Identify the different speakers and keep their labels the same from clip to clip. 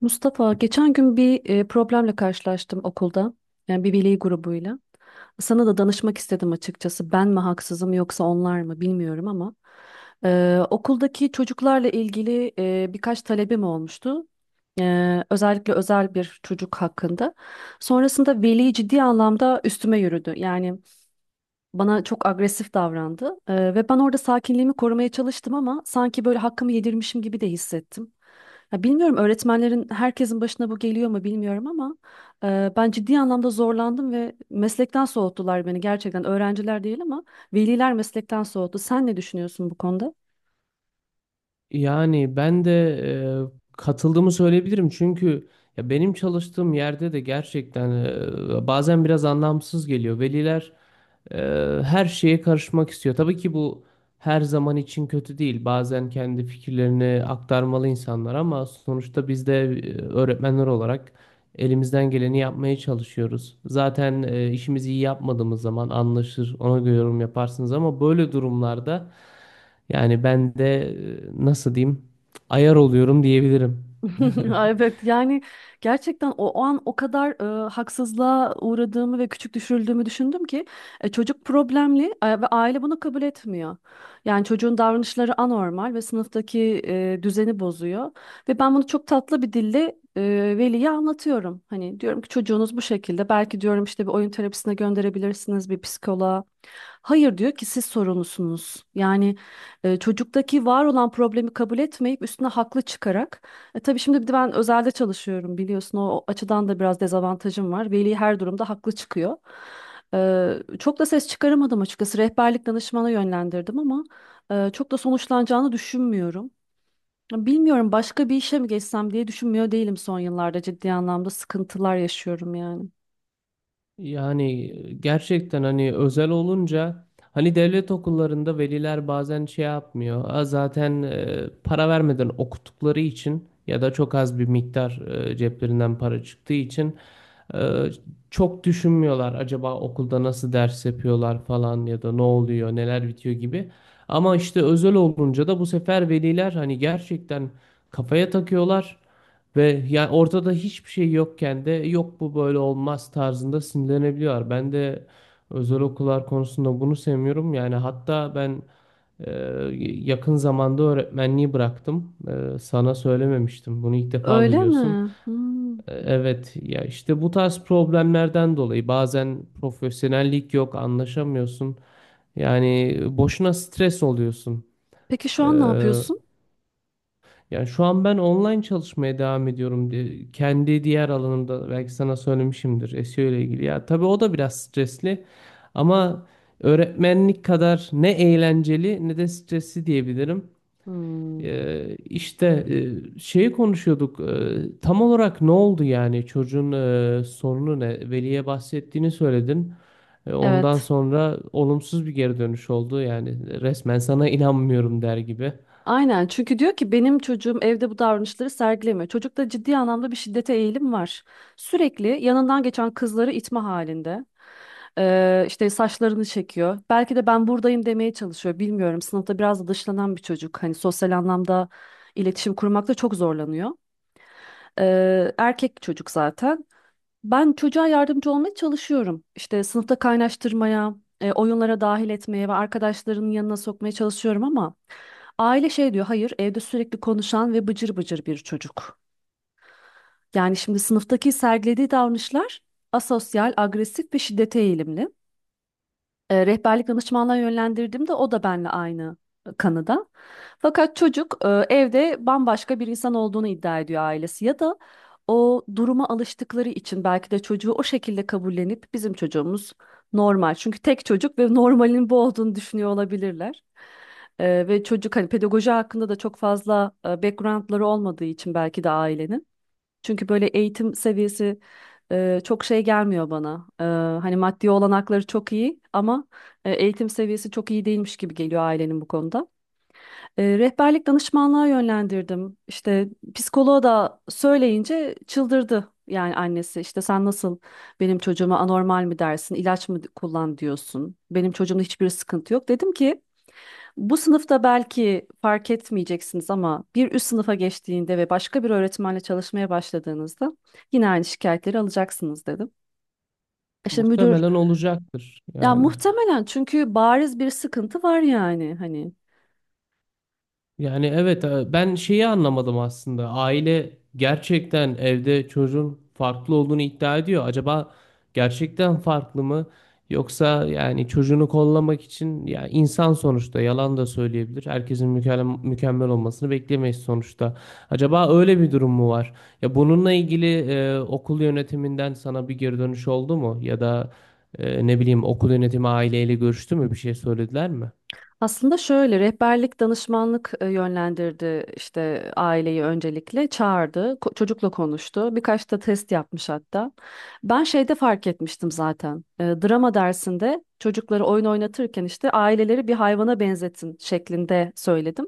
Speaker 1: Mustafa, geçen gün bir problemle karşılaştım okulda. Yani bir veli grubuyla. Sana da danışmak istedim açıkçası. Ben mi haksızım yoksa onlar mı bilmiyorum ama okuldaki çocuklarla ilgili birkaç talebim olmuştu. Özellikle özel bir çocuk hakkında. Sonrasında veli ciddi anlamda üstüme yürüdü. Yani bana çok agresif davrandı. Ve ben orada sakinliğimi korumaya çalıştım ama sanki böyle hakkımı yedirmişim gibi de hissettim. Ya bilmiyorum öğretmenlerin herkesin başına bu geliyor mu bilmiyorum ama ben ciddi anlamda zorlandım ve meslekten soğuttular beni, gerçekten öğrenciler değil ama veliler meslekten soğuttu. Sen ne düşünüyorsun bu konuda?
Speaker 2: Yani ben de katıldığımı söyleyebilirim çünkü ya benim çalıştığım yerde de gerçekten bazen biraz anlamsız geliyor. Veliler e, her şeye karışmak istiyor. Tabii ki bu her zaman için kötü değil. Bazen kendi fikirlerini aktarmalı insanlar ama sonuçta biz de öğretmenler olarak elimizden geleni yapmaya çalışıyoruz. Zaten işimizi iyi yapmadığımız zaman anlaşır, ona göre yorum yaparsınız ama böyle durumlarda. Yani ben de nasıl diyeyim ayar oluyorum diyebilirim.
Speaker 1: Ay, evet yani gerçekten o an o kadar haksızlığa uğradığımı ve küçük düşürüldüğümü düşündüm ki çocuk problemli ve aile bunu kabul etmiyor. Yani çocuğun davranışları anormal ve sınıftaki düzeni bozuyor ve ben bunu çok tatlı bir dille veliye anlatıyorum. Hani diyorum ki çocuğunuz bu şekilde, belki diyorum işte bir oyun terapisine gönderebilirsiniz, bir psikoloğa. Hayır diyor ki siz sorumlusunuz. Yani çocuktaki var olan problemi kabul etmeyip üstüne haklı çıkarak tabii şimdi bir de ben özelde çalışıyorum biliyorsun. O açıdan da biraz dezavantajım var. Veli her durumda haklı çıkıyor. Çok da ses çıkaramadım açıkçası. Rehberlik danışmana yönlendirdim ama çok da sonuçlanacağını düşünmüyorum. Ya bilmiyorum, başka bir işe mi geçsem diye düşünmüyor değilim son yıllarda. Ciddi anlamda sıkıntılar yaşıyorum yani.
Speaker 2: Yani gerçekten hani özel olunca hani devlet okullarında veliler bazen şey yapmıyor. "Aa, zaten para vermeden okuttukları için ya da çok az bir miktar ceplerinden para çıktığı için e, çok düşünmüyorlar. Acaba okulda nasıl ders yapıyorlar falan ya da ne oluyor, neler bitiyor gibi. Ama işte özel olunca da bu sefer veliler hani gerçekten kafaya takıyorlar. Ve yani ortada hiçbir şey yokken de yok bu böyle olmaz tarzında sinirlenebiliyorlar. Ben de özel okullar konusunda bunu sevmiyorum. Yani hatta ben e, yakın zamanda öğretmenliği bıraktım. Sana söylememiştim. Bunu ilk defa
Speaker 1: Öyle
Speaker 2: duyuyorsun.
Speaker 1: mi? Hmm.
Speaker 2: Evet ya işte bu tarz problemlerden dolayı bazen profesyonellik yok, anlaşamıyorsun. Yani boşuna stres oluyorsun.
Speaker 1: Peki şu
Speaker 2: E,
Speaker 1: an ne yapıyorsun?
Speaker 2: Yani şu an ben online çalışmaya devam ediyorum diye kendi diğer alanımda belki sana söylemişimdir SEO ile ilgili. Ya tabii o da biraz stresli ama öğretmenlik kadar ne eğlenceli ne de stresli diyebilirim.
Speaker 1: Hmm.
Speaker 2: İşte şeyi konuşuyorduk. Tam olarak ne oldu yani çocuğun sorunu ne? Veli'ye bahsettiğini söyledin. Ondan
Speaker 1: Evet.
Speaker 2: sonra olumsuz bir geri dönüş oldu. Yani resmen sana inanmıyorum der gibi.
Speaker 1: Aynen, çünkü diyor ki benim çocuğum evde bu davranışları sergilemiyor. Çocukta ciddi anlamda bir şiddete eğilim var. Sürekli yanından geçen kızları itme halinde. İşte saçlarını çekiyor. Belki de ben buradayım demeye çalışıyor. Bilmiyorum. Sınıfta biraz da dışlanan bir çocuk. Hani sosyal anlamda iletişim kurmakta çok zorlanıyor. Erkek çocuk zaten. Ben çocuğa yardımcı olmaya çalışıyorum. İşte sınıfta kaynaştırmaya, oyunlara dahil etmeye ve arkadaşlarının yanına sokmaya çalışıyorum ama aile şey diyor, hayır evde sürekli konuşan ve bıcır bıcır bir çocuk. Yani şimdi sınıftaki sergilediği davranışlar asosyal, agresif ve şiddete eğilimli. Rehberlik danışmanlığa yönlendirdim de o da benimle aynı kanıda. Fakat çocuk evde bambaşka bir insan olduğunu iddia ediyor ailesi, ya da o duruma alıştıkları için belki de çocuğu o şekilde kabullenip bizim çocuğumuz normal. Çünkü tek çocuk ve normalin bu olduğunu düşünüyor olabilirler. Ve çocuk, hani pedagoji hakkında da çok fazla backgroundları olmadığı için belki de ailenin. Çünkü böyle eğitim seviyesi çok şey gelmiyor bana. Hani maddi olanakları çok iyi ama eğitim seviyesi çok iyi değilmiş gibi geliyor ailenin bu konuda. Rehberlik danışmanlığa yönlendirdim. İşte psikoloğa da söyleyince çıldırdı. Yani annesi işte sen nasıl benim çocuğuma anormal mi dersin, ilaç mı kullan diyorsun. Benim çocuğumda hiçbir sıkıntı yok. Dedim ki bu sınıfta belki fark etmeyeceksiniz ama bir üst sınıfa geçtiğinde ve başka bir öğretmenle çalışmaya başladığınızda yine aynı şikayetleri alacaksınız dedim. İşte müdür,
Speaker 2: Muhtemelen olacaktır
Speaker 1: ya
Speaker 2: yani.
Speaker 1: muhtemelen, çünkü bariz bir sıkıntı var yani hani.
Speaker 2: Yani evet ben şeyi anlamadım aslında. Aile gerçekten evde çocuğun farklı olduğunu iddia ediyor. Acaba gerçekten farklı mı? Yoksa yani çocuğunu kollamak için ya insan sonuçta yalan da söyleyebilir. Herkesin mükemmel, mükemmel olmasını beklemeyiz sonuçta. Acaba öyle bir durum mu var? Ya bununla ilgili okul yönetiminden sana bir geri dönüş oldu mu? Ya da ne bileyim okul yönetimi aileyle görüştü mü? Bir şey söylediler mi?
Speaker 1: Aslında şöyle, rehberlik danışmanlık yönlendirdi, işte aileyi öncelikle çağırdı, çocukla konuştu, birkaç da test yapmış hatta. Ben şeyde fark etmiştim zaten. Drama dersinde çocukları oyun oynatırken işte aileleri bir hayvana benzetin şeklinde söyledim,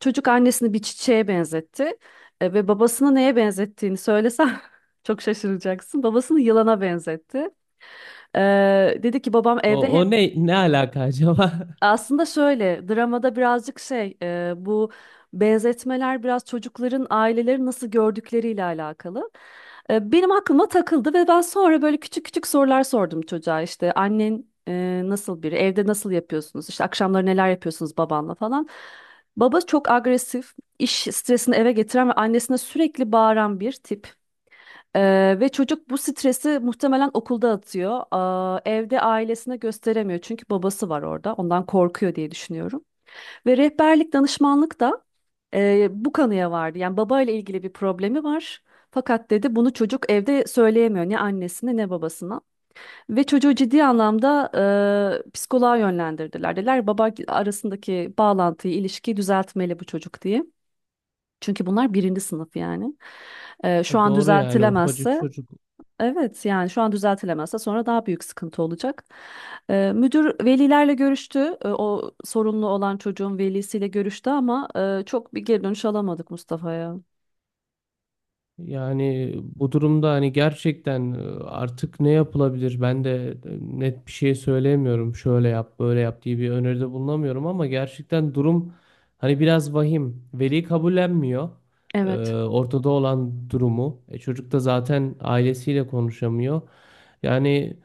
Speaker 1: çocuk annesini bir çiçeğe benzetti. Ve babasını neye benzettiğini söylesem çok şaşıracaksın, babasını yılana benzetti. E, Dedi ki babam
Speaker 2: O,
Speaker 1: evde
Speaker 2: o
Speaker 1: hep,
Speaker 2: ne ne alaka acaba?
Speaker 1: aslında şöyle, dramada birazcık şey, bu benzetmeler biraz çocukların aileleri nasıl gördükleriyle alakalı. Benim aklıma takıldı ve ben sonra böyle küçük küçük sorular sordum çocuğa, işte annen nasıl biri, evde nasıl yapıyorsunuz, işte akşamları neler yapıyorsunuz babanla falan. Baba çok agresif, iş stresini eve getiren ve annesine sürekli bağıran bir tip. Ve çocuk bu stresi muhtemelen okulda atıyor. Aa, evde ailesine gösteremiyor çünkü babası var orada. Ondan korkuyor diye düşünüyorum. Ve rehberlik danışmanlık da bu kanıya vardı. Yani babayla ilgili bir problemi var. Fakat dedi bunu çocuk evde söyleyemiyor, ne annesine ne babasına. Ve çocuğu ciddi anlamda psikoloğa yönlendirdiler. Dediler baba arasındaki bağlantıyı, ilişkiyi düzeltmeli bu çocuk diye. Çünkü bunlar birinci sınıf yani. Şu
Speaker 2: E
Speaker 1: an
Speaker 2: doğru yani ufacık
Speaker 1: düzeltilemezse,
Speaker 2: çocuk.
Speaker 1: evet yani şu an düzeltilemezse sonra daha büyük sıkıntı olacak. Müdür velilerle görüştü. O sorunlu olan çocuğun velisiyle görüştü ama çok bir geri dönüş alamadık Mustafa'ya.
Speaker 2: Yani bu durumda hani gerçekten artık ne yapılabilir? Ben de net bir şey söyleyemiyorum. Şöyle yap, böyle yap diye bir öneride bulunamıyorum ama gerçekten durum hani biraz vahim. Veli kabullenmiyor.
Speaker 1: Evet.
Speaker 2: Ortada olan durumu. E, çocuk da zaten ailesiyle konuşamıyor. Yani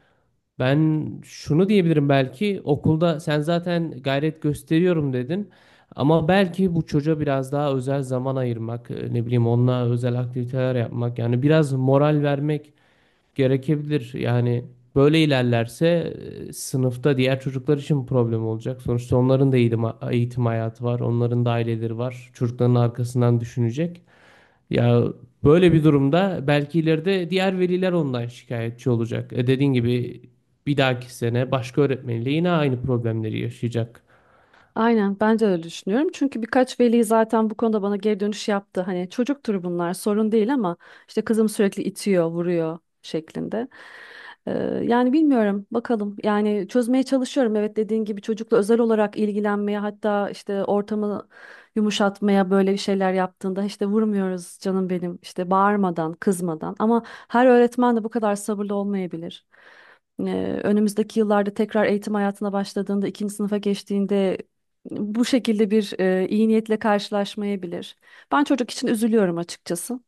Speaker 2: ben şunu diyebilirim belki okulda sen zaten gayret gösteriyorum dedin ama belki bu çocuğa biraz daha özel zaman ayırmak ne bileyim onunla özel aktiviteler yapmak yani biraz moral vermek gerekebilir. Yani böyle ilerlerse sınıfta diğer çocuklar için problem olacak. Sonuçta onların da eğitim hayatı var, onların da aileleri var. Çocukların arkasından düşünecek. Ya böyle bir durumda belki ileride diğer veliler ondan şikayetçi olacak. E dediğin gibi bir dahaki sene başka öğretmenle yine aynı problemleri yaşayacak.
Speaker 1: Aynen, ben de öyle düşünüyorum. Çünkü birkaç veli zaten bu konuda bana geri dönüş yaptı. Hani çocuktur bunlar, sorun değil ama işte kızım sürekli itiyor, vuruyor şeklinde. Ee, Yani bilmiyorum bakalım. Yani çözmeye çalışıyorum. Evet, dediğin gibi çocukla özel olarak ilgilenmeye, hatta işte ortamı yumuşatmaya, böyle bir şeyler yaptığında işte vurmuyoruz canım benim, işte bağırmadan, kızmadan. Ama her öğretmen de bu kadar sabırlı olmayabilir. Önümüzdeki yıllarda tekrar eğitim hayatına başladığında, ikinci sınıfa geçtiğinde bu şekilde bir iyi niyetle karşılaşmayabilir. Ben çocuk için üzülüyorum açıkçası.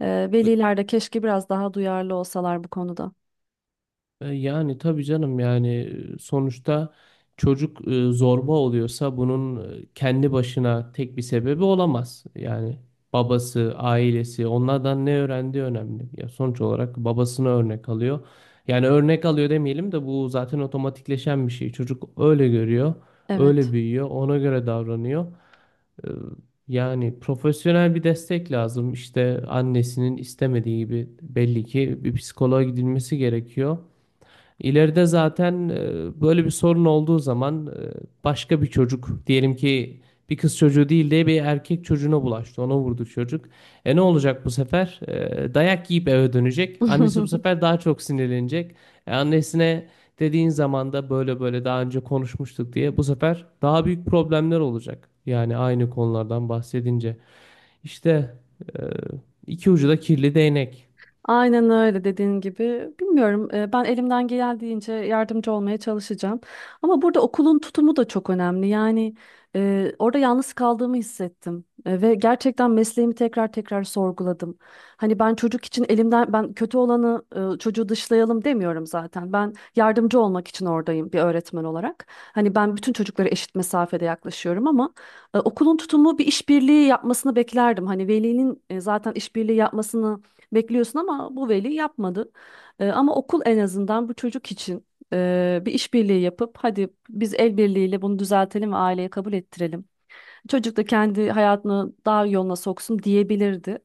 Speaker 1: Veliler de keşke biraz daha duyarlı olsalar bu konuda.
Speaker 2: Yani tabii canım yani sonuçta çocuk zorba oluyorsa bunun kendi başına tek bir sebebi olamaz. Yani babası, ailesi onlardan ne öğrendiği önemli. Ya sonuç olarak babasını örnek alıyor. Yani örnek alıyor demeyelim de bu zaten otomatikleşen bir şey. Çocuk öyle görüyor, öyle
Speaker 1: Evet.
Speaker 2: büyüyor, ona göre davranıyor. E, Yani profesyonel bir destek lazım. İşte annesinin istemediği gibi belli ki bir psikoloğa gidilmesi gerekiyor. İleride zaten böyle bir sorun olduğu zaman başka bir çocuk diyelim ki bir kız çocuğu değil de bir erkek çocuğuna bulaştı. Ona vurdu çocuk. E ne olacak bu sefer? E, dayak yiyip eve dönecek. Annesi bu sefer daha çok sinirlenecek. Annesine dediğin zaman da böyle böyle daha önce konuşmuştuk diye bu sefer daha büyük problemler olacak. Yani aynı konulardan bahsedince. İşte e, iki ucu da kirli değnek.
Speaker 1: Aynen öyle, dediğin gibi. Bilmiyorum, ben elimden geldiğince yardımcı olmaya çalışacağım. Ama burada okulun tutumu da çok önemli. Yani orada yalnız kaldığımı hissettim. Ve gerçekten mesleğimi tekrar tekrar sorguladım. Hani ben çocuk için elimden, ben kötü olanı, çocuğu dışlayalım demiyorum zaten. Ben yardımcı olmak için oradayım bir öğretmen olarak. Hani ben bütün çocuklara eşit mesafede yaklaşıyorum ama okulun tutumu bir işbirliği yapmasını beklerdim. Hani velinin zaten işbirliği yapmasını bekliyorsun ama bu veli yapmadı. Ama okul en azından bu çocuk için bir işbirliği yapıp hadi biz el birliğiyle bunu düzeltelim ve aileye kabul ettirelim. Çocuk da kendi hayatını daha yoluna soksun diyebilirdi.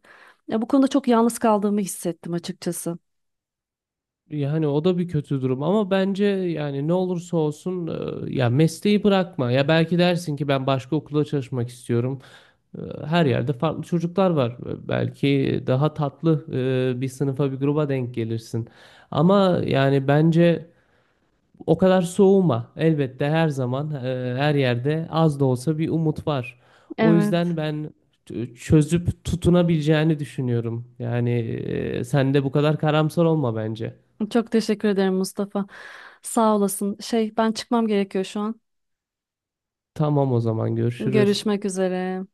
Speaker 1: Ya, bu konuda çok yalnız kaldığımı hissettim açıkçası.
Speaker 2: Yani o da bir kötü durum ama bence yani ne olursa olsun ya mesleği bırakma. Ya belki dersin ki ben başka okulda çalışmak istiyorum. E, Her yerde farklı çocuklar var. E, belki daha tatlı bir sınıfa bir gruba denk gelirsin. Ama yani bence o kadar soğuma. Elbette her zaman her yerde az da olsa bir umut var. O
Speaker 1: Evet.
Speaker 2: yüzden ben çözüp tutunabileceğini düşünüyorum. Yani sen de bu kadar karamsar olma bence.
Speaker 1: Çok teşekkür ederim Mustafa. Sağ olasın. Şey, ben çıkmam gerekiyor şu an.
Speaker 2: Tamam, o zaman görüşürüz.
Speaker 1: Görüşmek üzere.